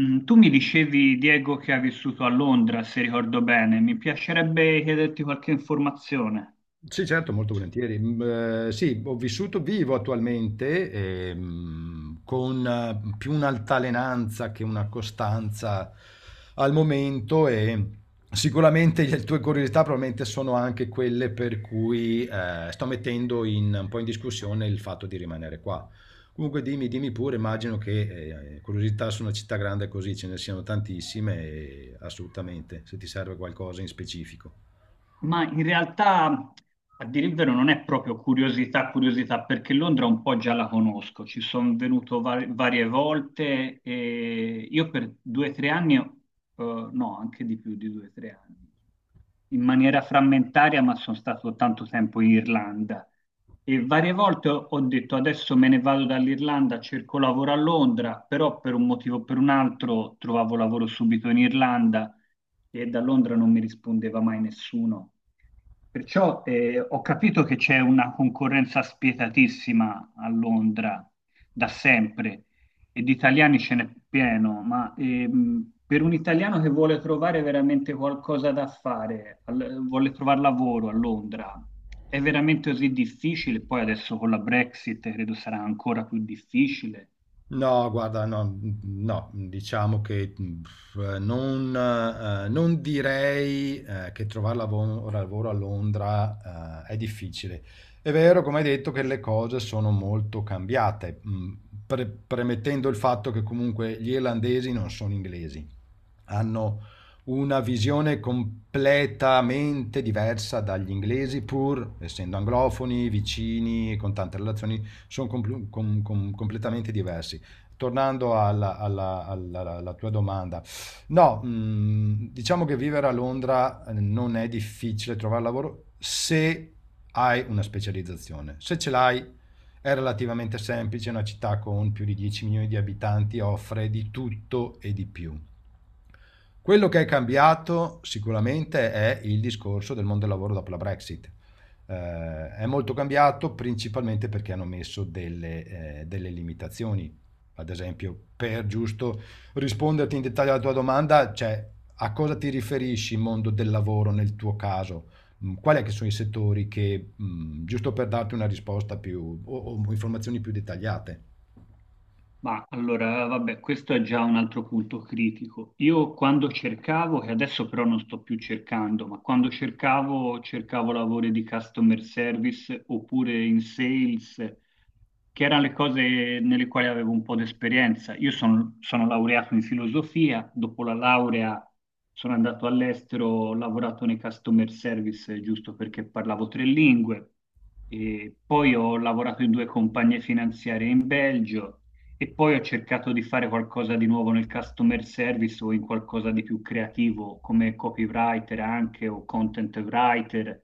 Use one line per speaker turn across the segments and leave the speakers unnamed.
Mm, tu mi dicevi, Diego, che hai vissuto a Londra, se ricordo bene. Mi piacerebbe chiederti qualche informazione,
Sì, certo, molto volentieri. Mm, sì, ho vissuto, vivo attualmente con più un'altalenanza che una costanza al momento e sicuramente le tue curiosità probabilmente sono anche quelle per cui sto mettendo un po' in discussione il fatto di rimanere qua. Comunque dimmi, dimmi pure, immagino che curiosità su una città grande così ce ne siano tantissime e assolutamente, se ti serve qualcosa in specifico.
ma in realtà, a dire il vero, non è proprio curiosità, curiosità, perché Londra un po' già la conosco. Ci sono venuto varie volte e io per due o tre anni, no, anche di più di due o tre anni, in maniera frammentaria, ma sono stato tanto tempo in Irlanda. E varie volte ho detto adesso me ne vado dall'Irlanda, cerco lavoro a Londra, però per un motivo o per un altro trovavo lavoro subito in Irlanda e da Londra non mi rispondeva mai nessuno. Perciò ho capito che c'è una concorrenza spietatissima a Londra da sempre e di italiani ce n'è pieno, ma per un italiano che vuole trovare veramente qualcosa da fare, vuole trovare lavoro a Londra, è veramente così difficile? Poi adesso con la Brexit credo sarà ancora più difficile.
No, guarda, no, no, diciamo che non direi che trovare lavoro a Londra è difficile. È vero, come hai detto, che le cose sono molto cambiate, premettendo il fatto che comunque gli irlandesi non sono inglesi, hanno una visione completamente diversa dagli inglesi, pur essendo anglofoni, vicini e con tante relazioni, sono completamente diversi. Tornando alla tua domanda, no, diciamo che vivere a Londra non è difficile trovare lavoro se hai una specializzazione. Se ce l'hai, è relativamente semplice, una città con più di 10 milioni di abitanti offre di tutto e di più. Quello che è cambiato sicuramente è il discorso del mondo del lavoro dopo la Brexit. È molto cambiato principalmente perché hanno messo delle limitazioni. Ad esempio, per giusto risponderti in dettaglio alla tua domanda, cioè a cosa ti riferisci mondo del lavoro nel tuo caso? Quali è che sono i settori che, giusto per darti una risposta più o informazioni più dettagliate?
Ma allora, vabbè, questo è già un altro punto critico. Io quando cercavo, che adesso però non sto più cercando, ma quando cercavo, cercavo lavori di customer service oppure in sales, che erano le cose nelle quali avevo un po' di esperienza. Io sono, sono laureato in filosofia, dopo la laurea sono andato all'estero, ho lavorato nei customer service giusto perché parlavo tre lingue, e poi ho lavorato in due compagnie finanziarie in Belgio. E poi ho cercato di fare qualcosa di nuovo nel customer service o in qualcosa di più creativo come copywriter anche o content writer,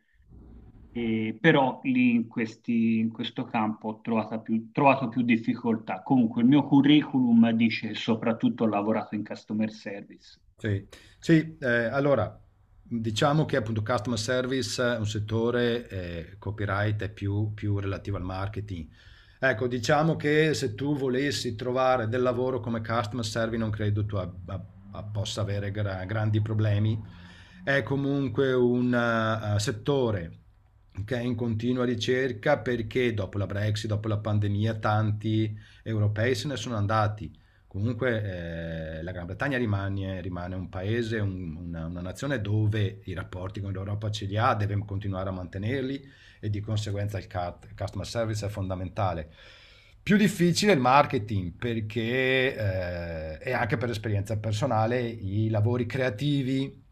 e però lì in questo campo ho trovato più difficoltà. Comunque il mio curriculum dice soprattutto ho lavorato in customer service.
Sì, sì, allora diciamo che appunto customer service è un settore, copyright è più relativo al marketing. Ecco, diciamo che se tu volessi trovare del lavoro come customer service non credo tu possa avere grandi problemi. È comunque un settore che è in continua ricerca perché dopo la Brexit, dopo la pandemia, tanti europei se ne sono andati. Comunque la Gran Bretagna rimane un paese, una nazione dove i rapporti con l'Europa ce li ha, deve continuare a mantenerli e di conseguenza il customer service è fondamentale. Più difficile il marketing perché, e anche per esperienza personale, i lavori creativi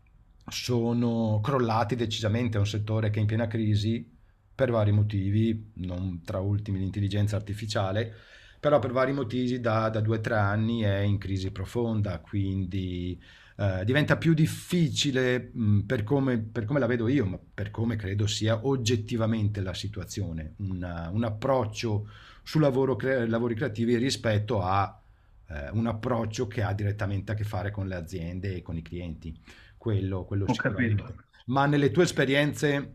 sono crollati decisamente, è un settore che è in piena crisi per vari motivi, non tra ultimi l'intelligenza artificiale, però per vari motivi da 2 o 3 anni è in crisi profonda, quindi diventa più difficile, per come la vedo io, ma per come credo sia oggettivamente la situazione, un approccio su lavori creativi rispetto a un approccio che ha direttamente a che fare con le aziende e con i clienti, quello
Ho capito.
sicuramente. Ma nelle tue esperienze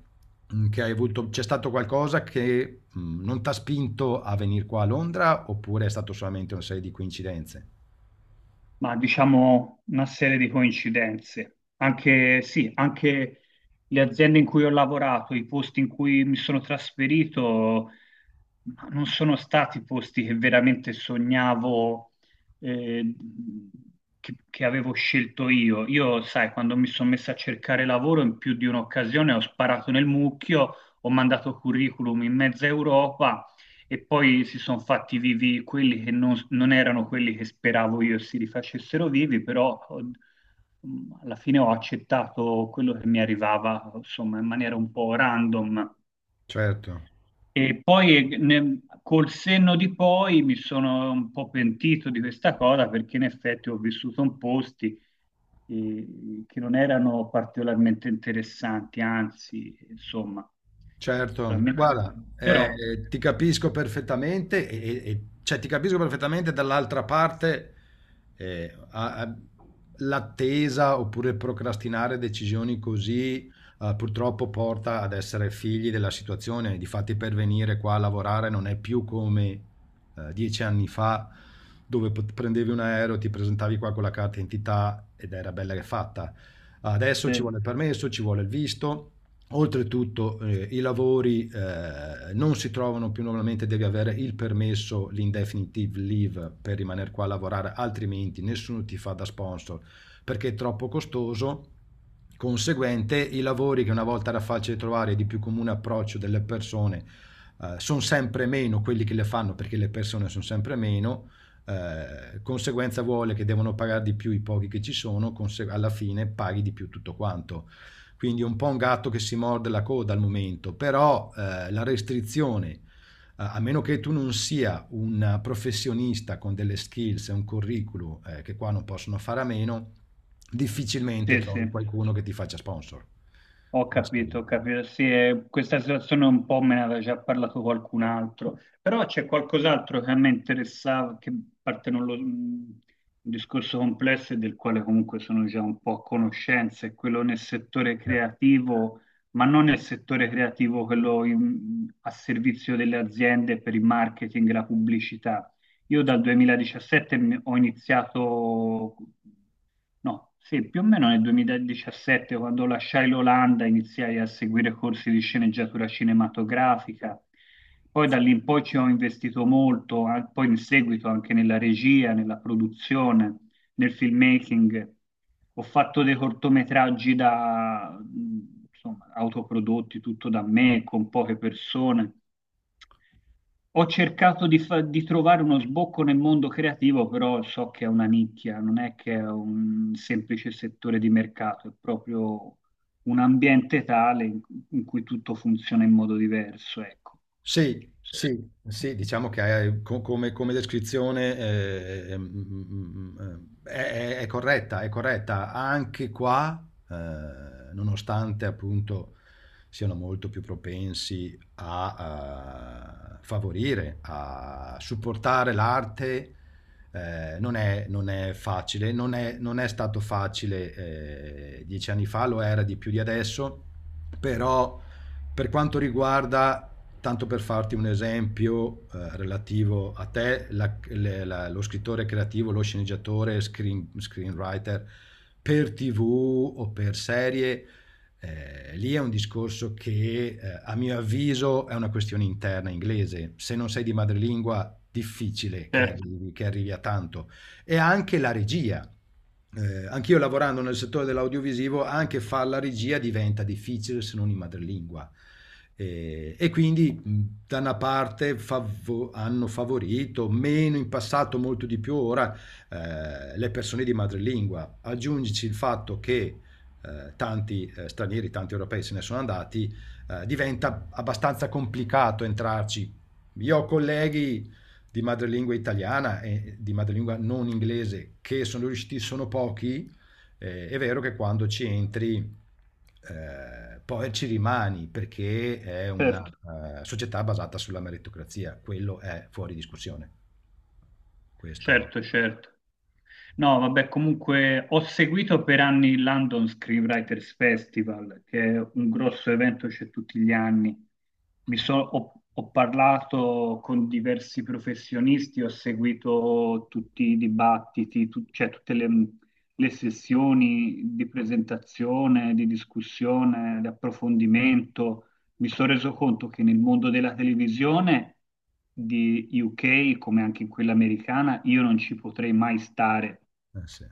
Che hai avuto, c'è stato qualcosa che, non t'ha spinto a venir qua a Londra, oppure è stato solamente un serie di coincidenze?
Ma diciamo una serie di coincidenze. Anche, sì, anche le aziende in cui ho lavorato, i posti in cui mi sono trasferito, ma non sono stati posti che veramente sognavo, eh, che avevo scelto io. Io, sai, quando mi sono messo a cercare lavoro in più di un'occasione ho sparato nel mucchio, ho mandato curriculum in mezza Europa e poi si sono fatti vivi quelli che non, non erano quelli che speravo io si rifacessero vivi, alla fine ho accettato quello che mi arrivava, insomma, in maniera un po' random.
Certo.
E poi col senno di poi mi sono un po' pentito di questa cosa perché in effetti ho vissuto in posti che non erano particolarmente interessanti, anzi, insomma,
Certo, guarda,
veramente- però
ti capisco perfettamente, cioè ti capisco perfettamente dall'altra parte, eh, a- a- l'attesa oppure procrastinare decisioni così purtroppo porta ad essere figli della situazione. Difatti per venire qua a lavorare non è più come 10 anni fa, dove prendevi un aereo, ti presentavi qua con la carta d'identità ed era bella che fatta. Adesso ci
sì,
vuole il permesso, ci vuole il visto. Oltretutto i lavori non si trovano più normalmente, devi avere il permesso, l'indefinitive leave per rimanere qua a lavorare, altrimenti nessuno ti fa da sponsor perché è troppo costoso. Conseguente, i lavori che una volta era facile trovare e di più comune approccio delle persone sono sempre meno quelli che le fanno perché le persone sono sempre meno. Conseguenza vuole che devono pagare di più i pochi che ci sono, alla fine paghi di più tutto quanto. Quindi un po' un gatto che si morde la coda al momento, però la restrizione, a meno che tu non sia un professionista con delle skills e un curriculum che qua non possono fare a meno, difficilmente
sì, sì.
trovi qualcuno che ti faccia sponsor.
Ho
Questo,
capito, ho capito. Sì, questa situazione un po' me ne aveva già parlato qualcun altro, però c'è qualcos'altro che a me interessava, che parte non lo, un discorso complesso e del quale comunque sono già un po' a conoscenza, è quello nel settore
eh.
creativo, ma non nel settore creativo, quello a servizio delle aziende per il marketing e la pubblicità. Io dal 2017 mi- ho iniziato No, sì, più o meno nel 2017, quando lasciai l'Olanda, iniziai a seguire corsi di sceneggiatura cinematografica. Poi da lì in poi ci ho investito molto, poi in seguito anche nella regia, nella produzione nel filmmaking, ho fatto dei cortometraggi da, insomma, autoprodotti, tutto da me, con poche persone. Ho cercato di, di trovare uno sbocco nel mondo creativo, però so che è una nicchia, non è che è un semplice settore di mercato, è proprio un ambiente tale in, in cui tutto funziona in modo diverso, ecco.
Sì, sì, sì, diciamo che come descrizione eh, mm, mm, è corretta, è corretta. Anche qua, nonostante appunto siano molto più propensi a, favorire, a supportare l'arte, non è facile, non è stato facile 10 anni fa, lo era di più di adesso, però per quanto riguarda, tanto per farti un esempio relativo a te, lo scrittore creativo, lo sceneggiatore, screenwriter per TV o per serie, lì è un discorso che a mio avviso è una questione interna inglese. Se non sei di madrelingua, difficile che
Certo.
arrivi, che arrivi a tanto. E anche la regia, anch'io lavorando nel settore dell'audiovisivo, anche fare la regia diventa difficile se non in madrelingua. Quindi da una parte hanno favorito, meno in passato, molto di più ora, le persone di madrelingua. Aggiungici il fatto che tanti stranieri, tanti europei se ne sono andati, diventa abbastanza complicato entrarci. Io ho colleghi di madrelingua italiana e di madrelingua non inglese che sono riusciti, sono pochi, è vero che quando ci entri poi ci rimani perché è una
Certo.
società basata sulla meritocrazia, quello è fuori discussione. Questo,
Certo, certo. No, vabbè, comunque ho seguito per anni il London Screenwriters Festival, che è un grosso evento, c'è tutti gli anni. Ho, ho parlato con diversi professionisti, ho seguito tutti i dibattiti, cioè tutte le sessioni di presentazione, di discussione, di approfondimento. Mi sono reso conto che nel mondo della televisione di UK, come anche in quella americana, io non ci potrei mai stare,
eh sì,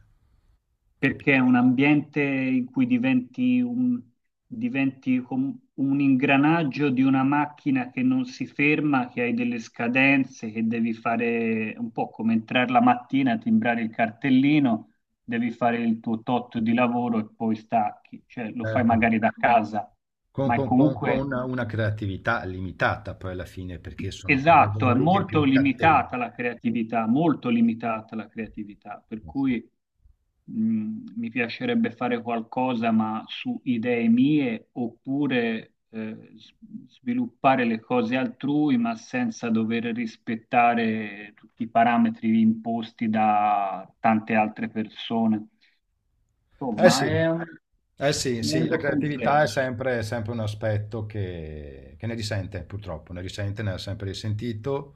perché è
capisco.
un ambiente in cui diventi un, un ingranaggio di una macchina che non si ferma, che hai delle scadenze, che devi fare un po' come entrare la mattina, timbrare il cartellino, devi fare il tuo tot di lavoro e poi stacchi, cioè lo fai
Certo.
magari da casa
Con,
ma è
con- con- con
comunque
una, una creatività limitata poi alla fine, perché sono quei
esatto, è
lavori che
molto
più catena.
limitata la creatività, molto limitata la creatività, per
Eh sì,
cui mi piacerebbe fare qualcosa ma su idee mie oppure sviluppare le cose altrui ma senza dover rispettare tutti i parametri imposti da tante altre persone.
eh
Insomma, è
sì. Eh sì,
un
sì, la
mondo
creatività è
complesso.
sempre, è sempre un aspetto che ne risente, purtroppo, ne risente, ne ha sempre risentito.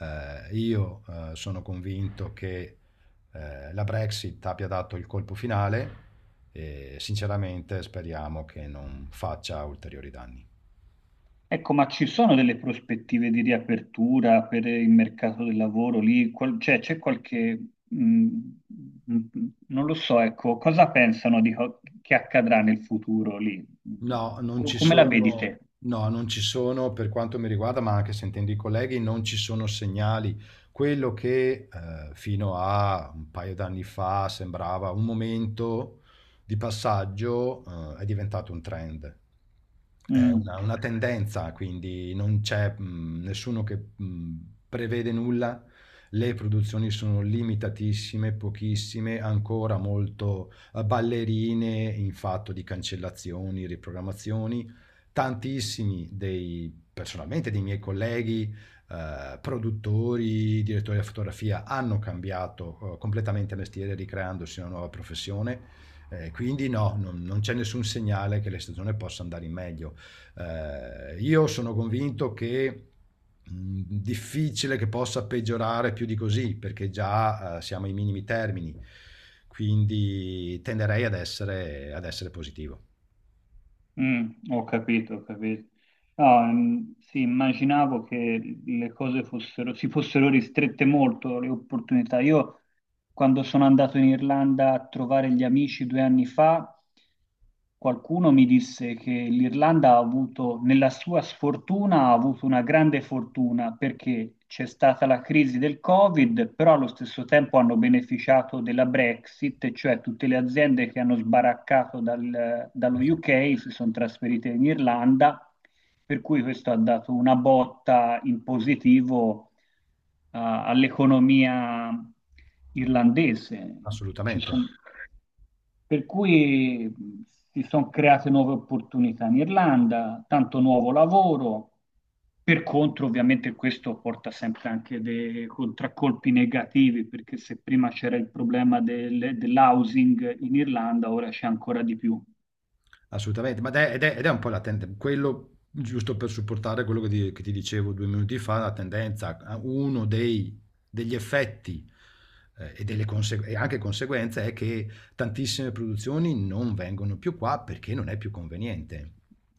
Io sono convinto che la Brexit abbia dato il colpo finale e sinceramente speriamo che non faccia ulteriori danni.
Ecco, ma ci sono delle prospettive di riapertura per il mercato del lavoro lì? Cioè, c'è qualche... mh, non lo so, ecco, cosa pensano di che accadrà nel futuro lì?
No, non ci
Come la vedi
sono,
te?
no, non ci sono per quanto mi riguarda, ma anche sentendo i colleghi, non ci sono segnali. Quello che fino a un paio d'anni fa sembrava un momento di passaggio è diventato un trend. È
Mm,
una tendenza, quindi non c'è nessuno che prevede nulla. Le produzioni sono limitatissime, pochissime, ancora molto ballerine in fatto di cancellazioni, riprogrammazioni. Tantissimi dei, personalmente, dei miei colleghi, produttori, direttori di fotografia, hanno cambiato completamente mestiere, ricreandosi una nuova professione. Quindi no, non c'è nessun segnale che la stagione possa andare in meglio. Io sono convinto che difficile che possa peggiorare più di così, perché già siamo ai minimi termini, quindi tenderei ad essere positivo.
mm, ho capito, ho capito. No, mm, sì, immaginavo che le cose fossero, si fossero ristrette molto, le opportunità. Io quando sono andato in Irlanda a trovare gli amici due anni fa, qualcuno mi disse che l'Irlanda ha avuto, nella sua sfortuna, ha avuto una grande fortuna perché c'è stata la crisi del Covid, però allo stesso tempo hanno beneficiato della Brexit, e cioè tutte le aziende che hanno sbaraccato dallo
Eh sì,
UK si sono trasferite in Irlanda, per cui questo ha dato una botta in positivo all'economia irlandese, ci
assolutamente.
son- per cui si sono create nuove opportunità in Irlanda, tanto nuovo lavoro. Per contro, ovviamente, questo porta sempre anche dei contraccolpi negativi, perché se prima c'era il problema dell'housing in Irlanda, ora c'è ancora di più.
Assolutamente, ma ed è un po' la tendenza, quello giusto per supportare quello che ti dicevo 2 minuti fa, la tendenza, degli effetti e anche conseguenze è che tantissime produzioni non vengono più qua perché non è più conveniente.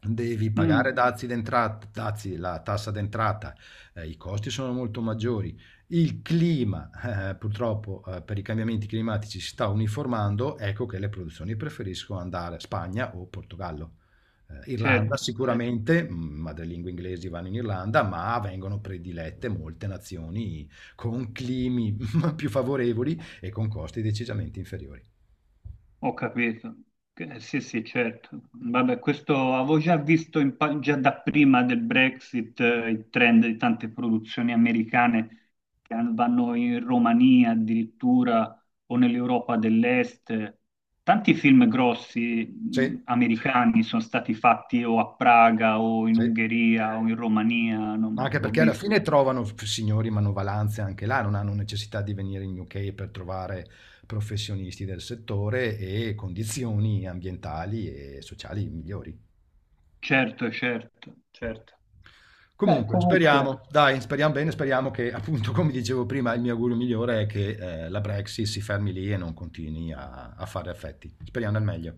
Devi
Mm,
pagare dazi d'entrata, dazi, la tassa d'entrata, i costi sono molto maggiori, il clima, purtroppo, per i cambiamenti climatici si sta uniformando, ecco che le produzioni preferiscono andare a Spagna o Portogallo. Irlanda
certo, certo.
sicuramente, madrelingua inglesi vanno in Irlanda, ma vengono predilette molte nazioni con climi più favorevoli e con costi decisamente inferiori.
Ho capito. Sì, sì, certo. Vabbè, questo avevo già visto già da prima del Brexit, il trend di tante produzioni americane vanno in Romania addirittura o nell'Europa dell'Est. Tanti film grossi,
Sì,
americani sono stati fatti o a Praga o in
sì.
Ungheria o in Romania,
Ma anche
l'ho
perché alla
visto.
fine trovano f signori manovalanze anche là, non hanno necessità di venire in UK per trovare professionisti del settore e condizioni ambientali e sociali migliori.
Certo, certo, certo. Beh,
Comunque,
comunque.
speriamo, dai, speriamo bene, speriamo che appunto, come dicevo prima, il mio augurio migliore è che la Brexit si fermi lì e non continui a fare effetti. Speriamo nel meglio.